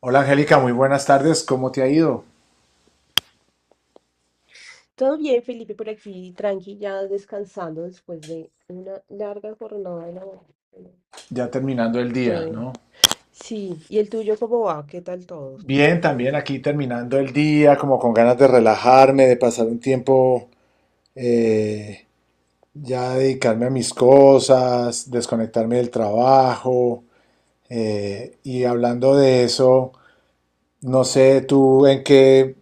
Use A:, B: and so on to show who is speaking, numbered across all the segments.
A: Hola Angélica, muy buenas tardes. ¿Cómo te ha ido?
B: Todo bien, Felipe, por aquí, tranqui, ya descansando después de una larga jornada de labor.
A: Ya terminando el
B: Todo
A: día,
B: bien.
A: ¿no?
B: Sí, ¿y el tuyo cómo va? ¿Qué tal todo?
A: Bien, también aquí terminando el día, como con ganas de relajarme, de pasar un tiempo, eh, ya dedicarme a mis cosas, desconectarme del trabajo. Y hablando de eso, no sé tú en qué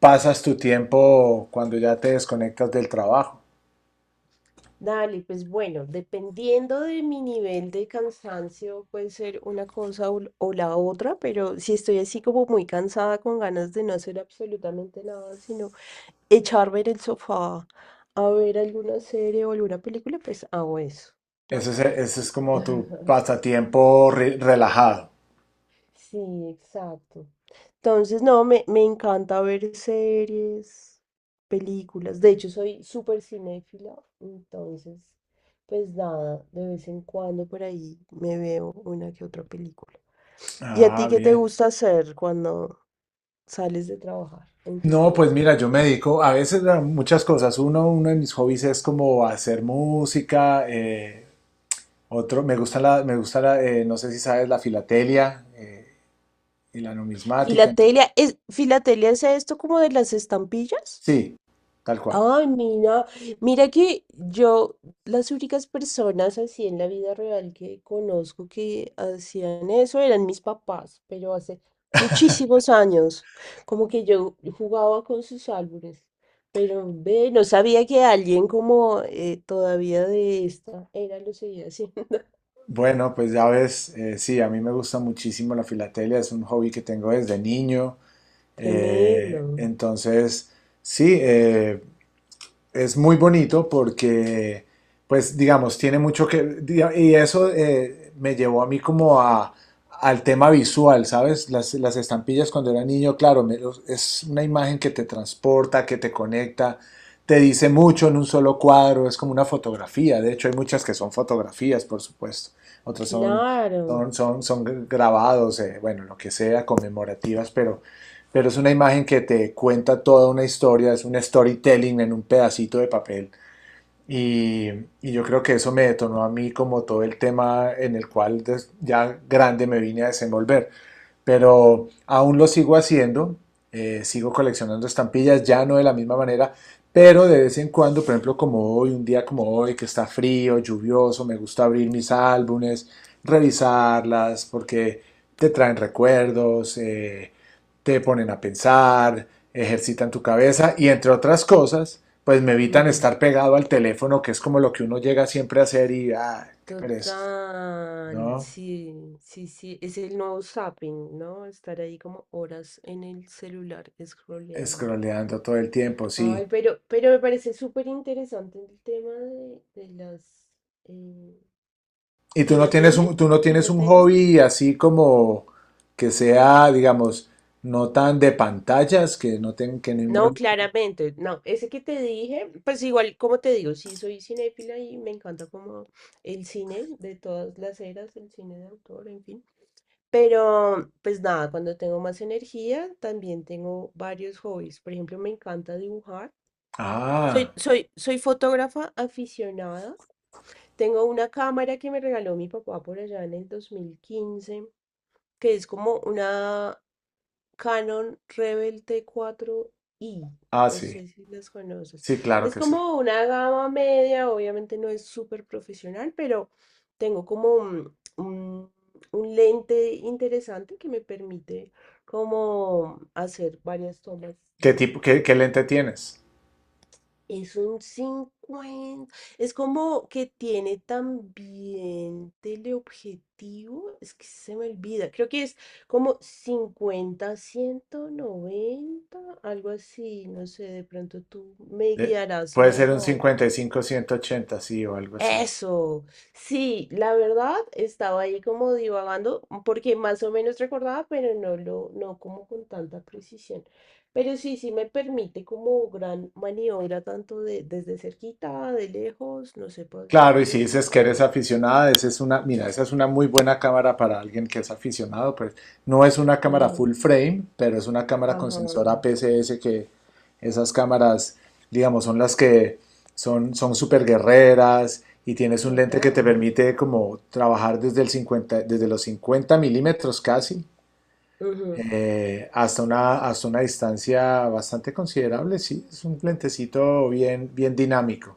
A: pasas tu tiempo cuando ya te desconectas del trabajo.
B: Dale, pues bueno, dependiendo de mi nivel de cansancio, puede ser una cosa o la otra, pero si estoy así como muy cansada con ganas de no hacer absolutamente nada, sino echarme en el sofá a ver alguna serie o alguna película, pues hago eso, ¿no?
A: Ese es
B: Sí.
A: como tu pasatiempo relajado.
B: Sí, exacto. Entonces, no, me encanta ver series, películas. De hecho, soy súper cinéfila. Entonces, pues nada, de vez en cuando por ahí me veo una que otra película. ¿Y a
A: Ah,
B: ti qué te
A: bien.
B: gusta hacer cuando sales de trabajar en tus
A: No, pues
B: tiempos?
A: mira, yo me dedico a veces a muchas cosas. Uno de mis hobbies es como hacer música. Otro, me gusta me gusta no sé si sabes, la filatelia y la numismática.
B: Filatelia es esto como de las estampillas.
A: Sí, tal cual.
B: Ay, mira, mira que yo, las únicas personas así en la vida real que conozco que hacían eso eran mis papás, pero hace muchísimos años, como que yo jugaba con sus álbumes, pero ve, no sabía que alguien como todavía de esta era lo seguía así.
A: Bueno, pues ya ves, sí, a mí me gusta muchísimo la filatelia. Es un hobby que tengo desde niño.
B: Tremendo,
A: Entonces, sí. Es muy bonito porque, pues, digamos, tiene mucho que... Y eso me llevó a mí como al tema visual, ¿sabes? Las estampillas cuando era niño, claro, es una imagen que te transporta, que te conecta, te dice mucho en un solo cuadro, es como una fotografía. De hecho, hay muchas que son fotografías, por supuesto. Otras son,
B: claro.
A: son grabados, bueno, lo que sea, conmemorativas, pero es una imagen que te cuenta toda una historia, es un storytelling en un pedacito de papel. Y, y yo creo que eso me detonó a mí como todo el tema en el cual ya grande me vine a desenvolver pero aún lo sigo haciendo, sigo coleccionando estampillas, ya no de la misma manera, pero de vez en cuando, por ejemplo, como hoy, un día como hoy, que está frío, lluvioso, me gusta abrir mis álbumes, revisarlas, porque te traen recuerdos, te ponen a pensar, ejercitan tu cabeza y entre otras cosas, pues me evitan estar pegado al teléfono, que es como lo que uno llega siempre a hacer y, ah, qué pereza,
B: Total,
A: ¿no?
B: sí, sí, sí, es el nuevo zapping, ¿no? Estar ahí como horas en el celular scrolleando.
A: Scrolleando todo el tiempo,
B: Ay,
A: sí.
B: pero me parece súper interesante el tema de las eh,
A: ¿Y tú no tienes
B: filatelia,
A: tú no tienes un
B: filatelia.
A: hobby así como que sea, digamos, no tan de pantallas, que que no
B: No,
A: involucre?
B: claramente, no, ese que te dije, pues igual, como te digo, sí soy cinéfila y me encanta como el cine de todas las eras, el cine de autor, en fin. Pero, pues nada, cuando tengo más energía, también tengo varios hobbies. Por ejemplo, me encanta dibujar.
A: Ah,
B: Soy fotógrafa aficionada. Tengo una cámara que me regaló mi papá por allá en el 2015, que es como una Canon Rebel T4 i.
A: ah,
B: No
A: sí.
B: sé si las conoces.
A: Sí, claro
B: Es
A: que sí.
B: como una gama media, obviamente no es súper profesional, pero tengo como un lente interesante que me permite como hacer varias tomas
A: ¿Qué
B: de.
A: tipo, qué lente tienes?
B: Es un 50. Es como que tiene también teleobjetivo. Es que se me olvida. Creo que es como 50-190, algo así. No sé, de pronto tú me
A: De-
B: guiarás
A: Puede ser un
B: mejor.
A: 55-180, sí, o algo así.
B: Eso, sí, la verdad estaba ahí como divagando, porque más o menos recordaba, pero no lo, no como con tanta precisión. Pero sí, sí me permite como gran maniobra, tanto de, desde cerquita, de lejos, no sé, puedo hacer
A: Claro, y si
B: varias
A: dices que
B: cositas.
A: eres aficionada, esa es una, mira, esa es una muy buena cámara para alguien que es aficionado, pues no es una cámara
B: Ujú.
A: full frame, pero es una cámara con
B: Ajá,
A: sensor APS-C que esas cámaras, digamos, son las que son super guerreras y tienes un lente que te
B: total.
A: permite como trabajar desde el 50, desde los 50 milímetros casi hasta una distancia bastante considerable, sí, es un lentecito bien bien dinámico.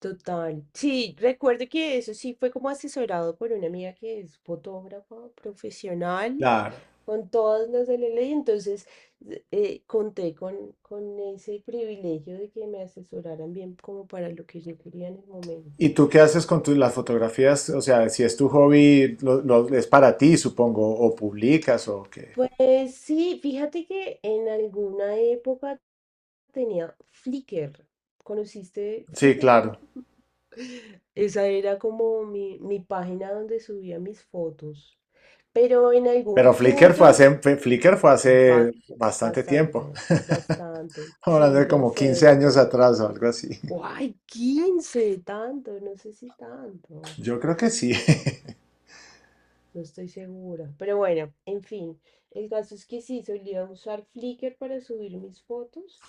B: Total. Sí, recuerdo que eso sí fue como asesorado por una amiga que es fotógrafa profesional,
A: Claro.
B: con todas las de la ley. Entonces, conté con ese privilegio de que me asesoraran bien como para lo que yo quería en el momento.
A: ¿Y tú qué haces con las fotografías? O sea, si es tu hobby, es para ti, supongo, o publicas o qué.
B: Pues sí, fíjate que en alguna época tenía Flickr. ¿Conociste
A: Sí,
B: Flickr?
A: claro.
B: Esa era como mi página donde subía mis fotos. Pero en algún
A: Pero Flickr
B: punto,
A: fue Flickr fue hace
B: ba-
A: bastante tiempo.
B: bastante, bastante.
A: Hablando
B: Sí,
A: de
B: lo
A: como 15 años
B: acepto.
A: atrás o algo así.
B: ¡Guay! 15, tanto, no sé si tanto.
A: Yo creo que sí.
B: No estoy segura. Pero bueno, en fin. El caso es que sí, solía usar Flickr para subir mis fotos.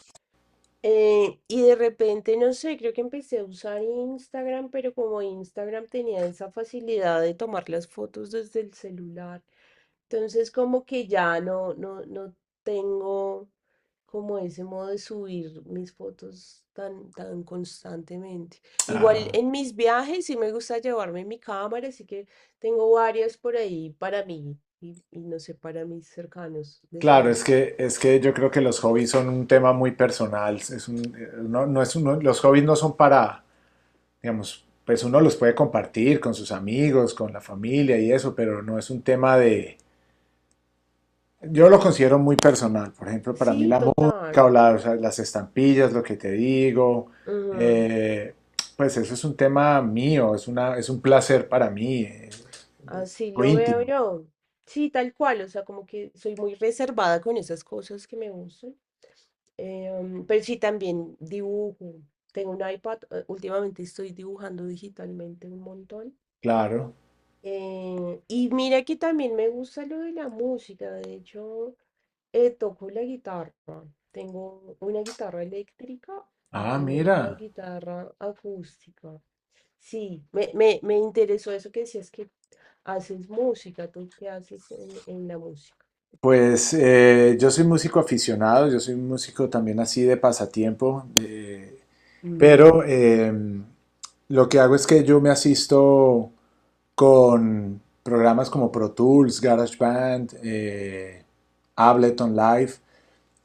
B: Y de repente, no sé, creo que empecé a usar Instagram, pero como Instagram tenía esa facilidad de tomar las fotos desde el celular, entonces como que ya no, no, no tengo como ese modo de subir mis fotos tan, tan constantemente. Igual
A: Ah,
B: en mis viajes sí me gusta llevarme mi cámara, así que tengo varias por ahí para mí y no sé, para mis cercanos, les
A: claro,
B: muestro.
A: es que yo creo que los hobbies son un tema muy personal. No, los hobbies no son para, digamos, pues uno los puede compartir con sus amigos, con la familia y eso, pero no es un tema de, yo lo considero muy personal. Por ejemplo, para mí
B: Sí,
A: la música o,
B: total.
A: o sea, las estampillas, lo que te digo,
B: Ujú.
A: eh, pues eso es un tema mío, es una, es un placer para mí, es
B: Así
A: algo
B: lo veo
A: íntimo,
B: yo. Sí, tal cual, o sea, como que soy muy reservada con esas cosas que me gustan. Pero sí, también dibujo. Tengo un iPad, últimamente estoy dibujando digitalmente un montón.
A: claro.
B: Y mira que también me gusta lo de la música, de hecho, toco la guitarra. Tengo una guitarra eléctrica y
A: Ah,
B: tengo una
A: mira.
B: guitarra acústica. Sí, me interesó eso que decías que haces música, tú qué haces en la música.
A: Pues yo soy músico aficionado, yo soy un músico también así de pasatiempo,
B: Mm.
A: pero lo que hago es que yo me asisto con programas como Pro Tools, GarageBand, Ableton Live,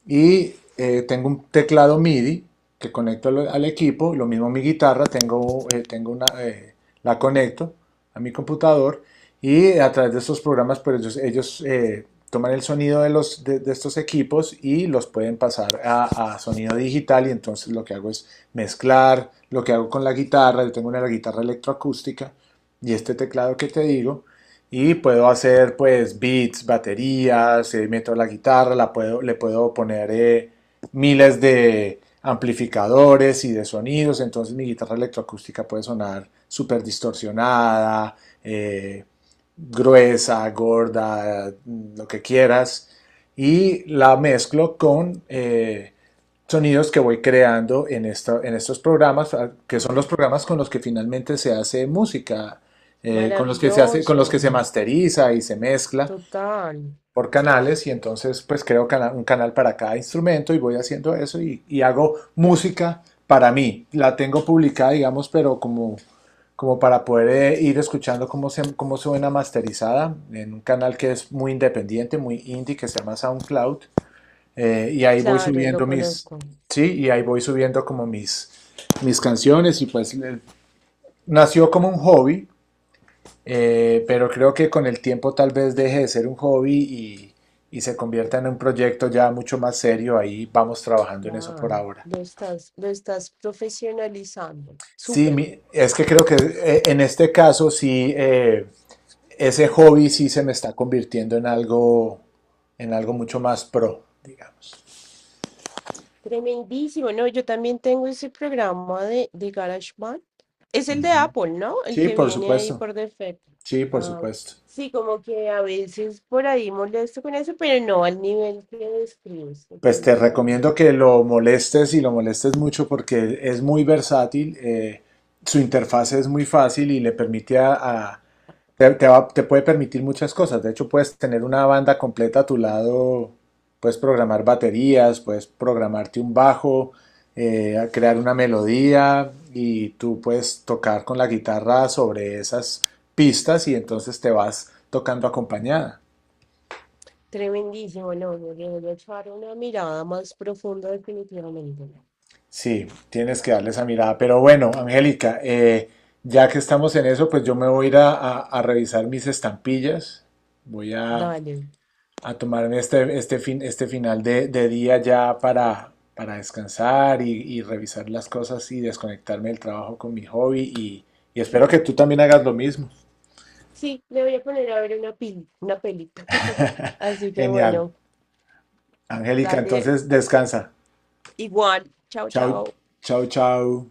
A: y tengo un teclado MIDI que conecto al equipo, lo mismo mi guitarra, tengo, la conecto a mi computador y a través de estos programas, pues ellos, toman el sonido de estos equipos y los pueden pasar a sonido digital y entonces lo que hago es mezclar lo que hago con la guitarra, yo tengo una la guitarra electroacústica y este teclado que te digo y puedo hacer pues beats, baterías, meto la guitarra, le puedo poner miles de amplificadores y de sonidos, entonces mi guitarra electroacústica puede sonar súper distorsionada, eh, gruesa, gorda, lo que quieras, y la mezclo con sonidos que voy creando en estos programas, ah, que son
B: Ah,
A: los programas
B: bueno.
A: con los que finalmente se hace música con los que se hace, con
B: Maravilloso,
A: los que se masteriza y se mezcla
B: total.
A: por canales y entonces pues creo cana un canal para cada instrumento y voy haciendo eso y, hago música para mí. La tengo publicada, digamos, pero como, como para poder ir escuchando cómo suena masterizada en un canal que es muy independiente, muy indie, que se llama SoundCloud. Y ahí voy
B: Claro, lo
A: subiendo mis,
B: conozco.
A: sí, y ahí voy subiendo como mis, mis canciones y pues nació como un hobby pero creo que con el tiempo tal vez deje de ser un hobby y se convierta en un proyecto ya mucho más serio. Ahí vamos trabajando en eso por
B: Claro,
A: ahora.
B: lo estás profesionalizando.
A: Sí,
B: Súper,
A: es que creo que en este caso sí, ese hobby sí se me está convirtiendo en algo mucho más pro, digamos.
B: tremendísimo. No, yo también tengo ese programa de GarageBand. Es el de
A: Ujú.
B: Apple, ¿no? El
A: Sí,
B: que
A: por
B: viene ahí
A: supuesto.
B: por defecto.
A: Sí, por
B: Ah,
A: supuesto.
B: sí, como que a veces por ahí molesto con eso, pero no al nivel que describes,
A: Pues te
B: definitivamente.
A: recomiendo que lo molestes y lo molestes mucho porque es muy versátil, su interfaz es muy fácil y le permite te puede permitir muchas cosas. De hecho, puedes tener una banda completa a tu lado, puedes programar baterías, puedes programarte un bajo, crear una melodía y tú puedes tocar con la guitarra sobre esas pistas y entonces te vas tocando acompañada.
B: Tremendísimo, no, no, le voy a echar una mirada más profunda definitivamente.
A: Sí, tienes que darle esa mirada. Pero bueno, Angélica, ya que estamos en eso, pues yo me voy a ir a revisar mis estampillas. Voy
B: Dale.
A: a tomarme este, este final de día ya para descansar y revisar las cosas y desconectarme del trabajo con mi hobby. Y espero que tú también hagas lo mismo.
B: Sí, le voy a poner a ver una peli, una peli. Así que
A: Genial.
B: bueno,
A: Angélica,
B: dale
A: entonces descansa.
B: igual. Chao,
A: Chao,
B: chao.
A: chao.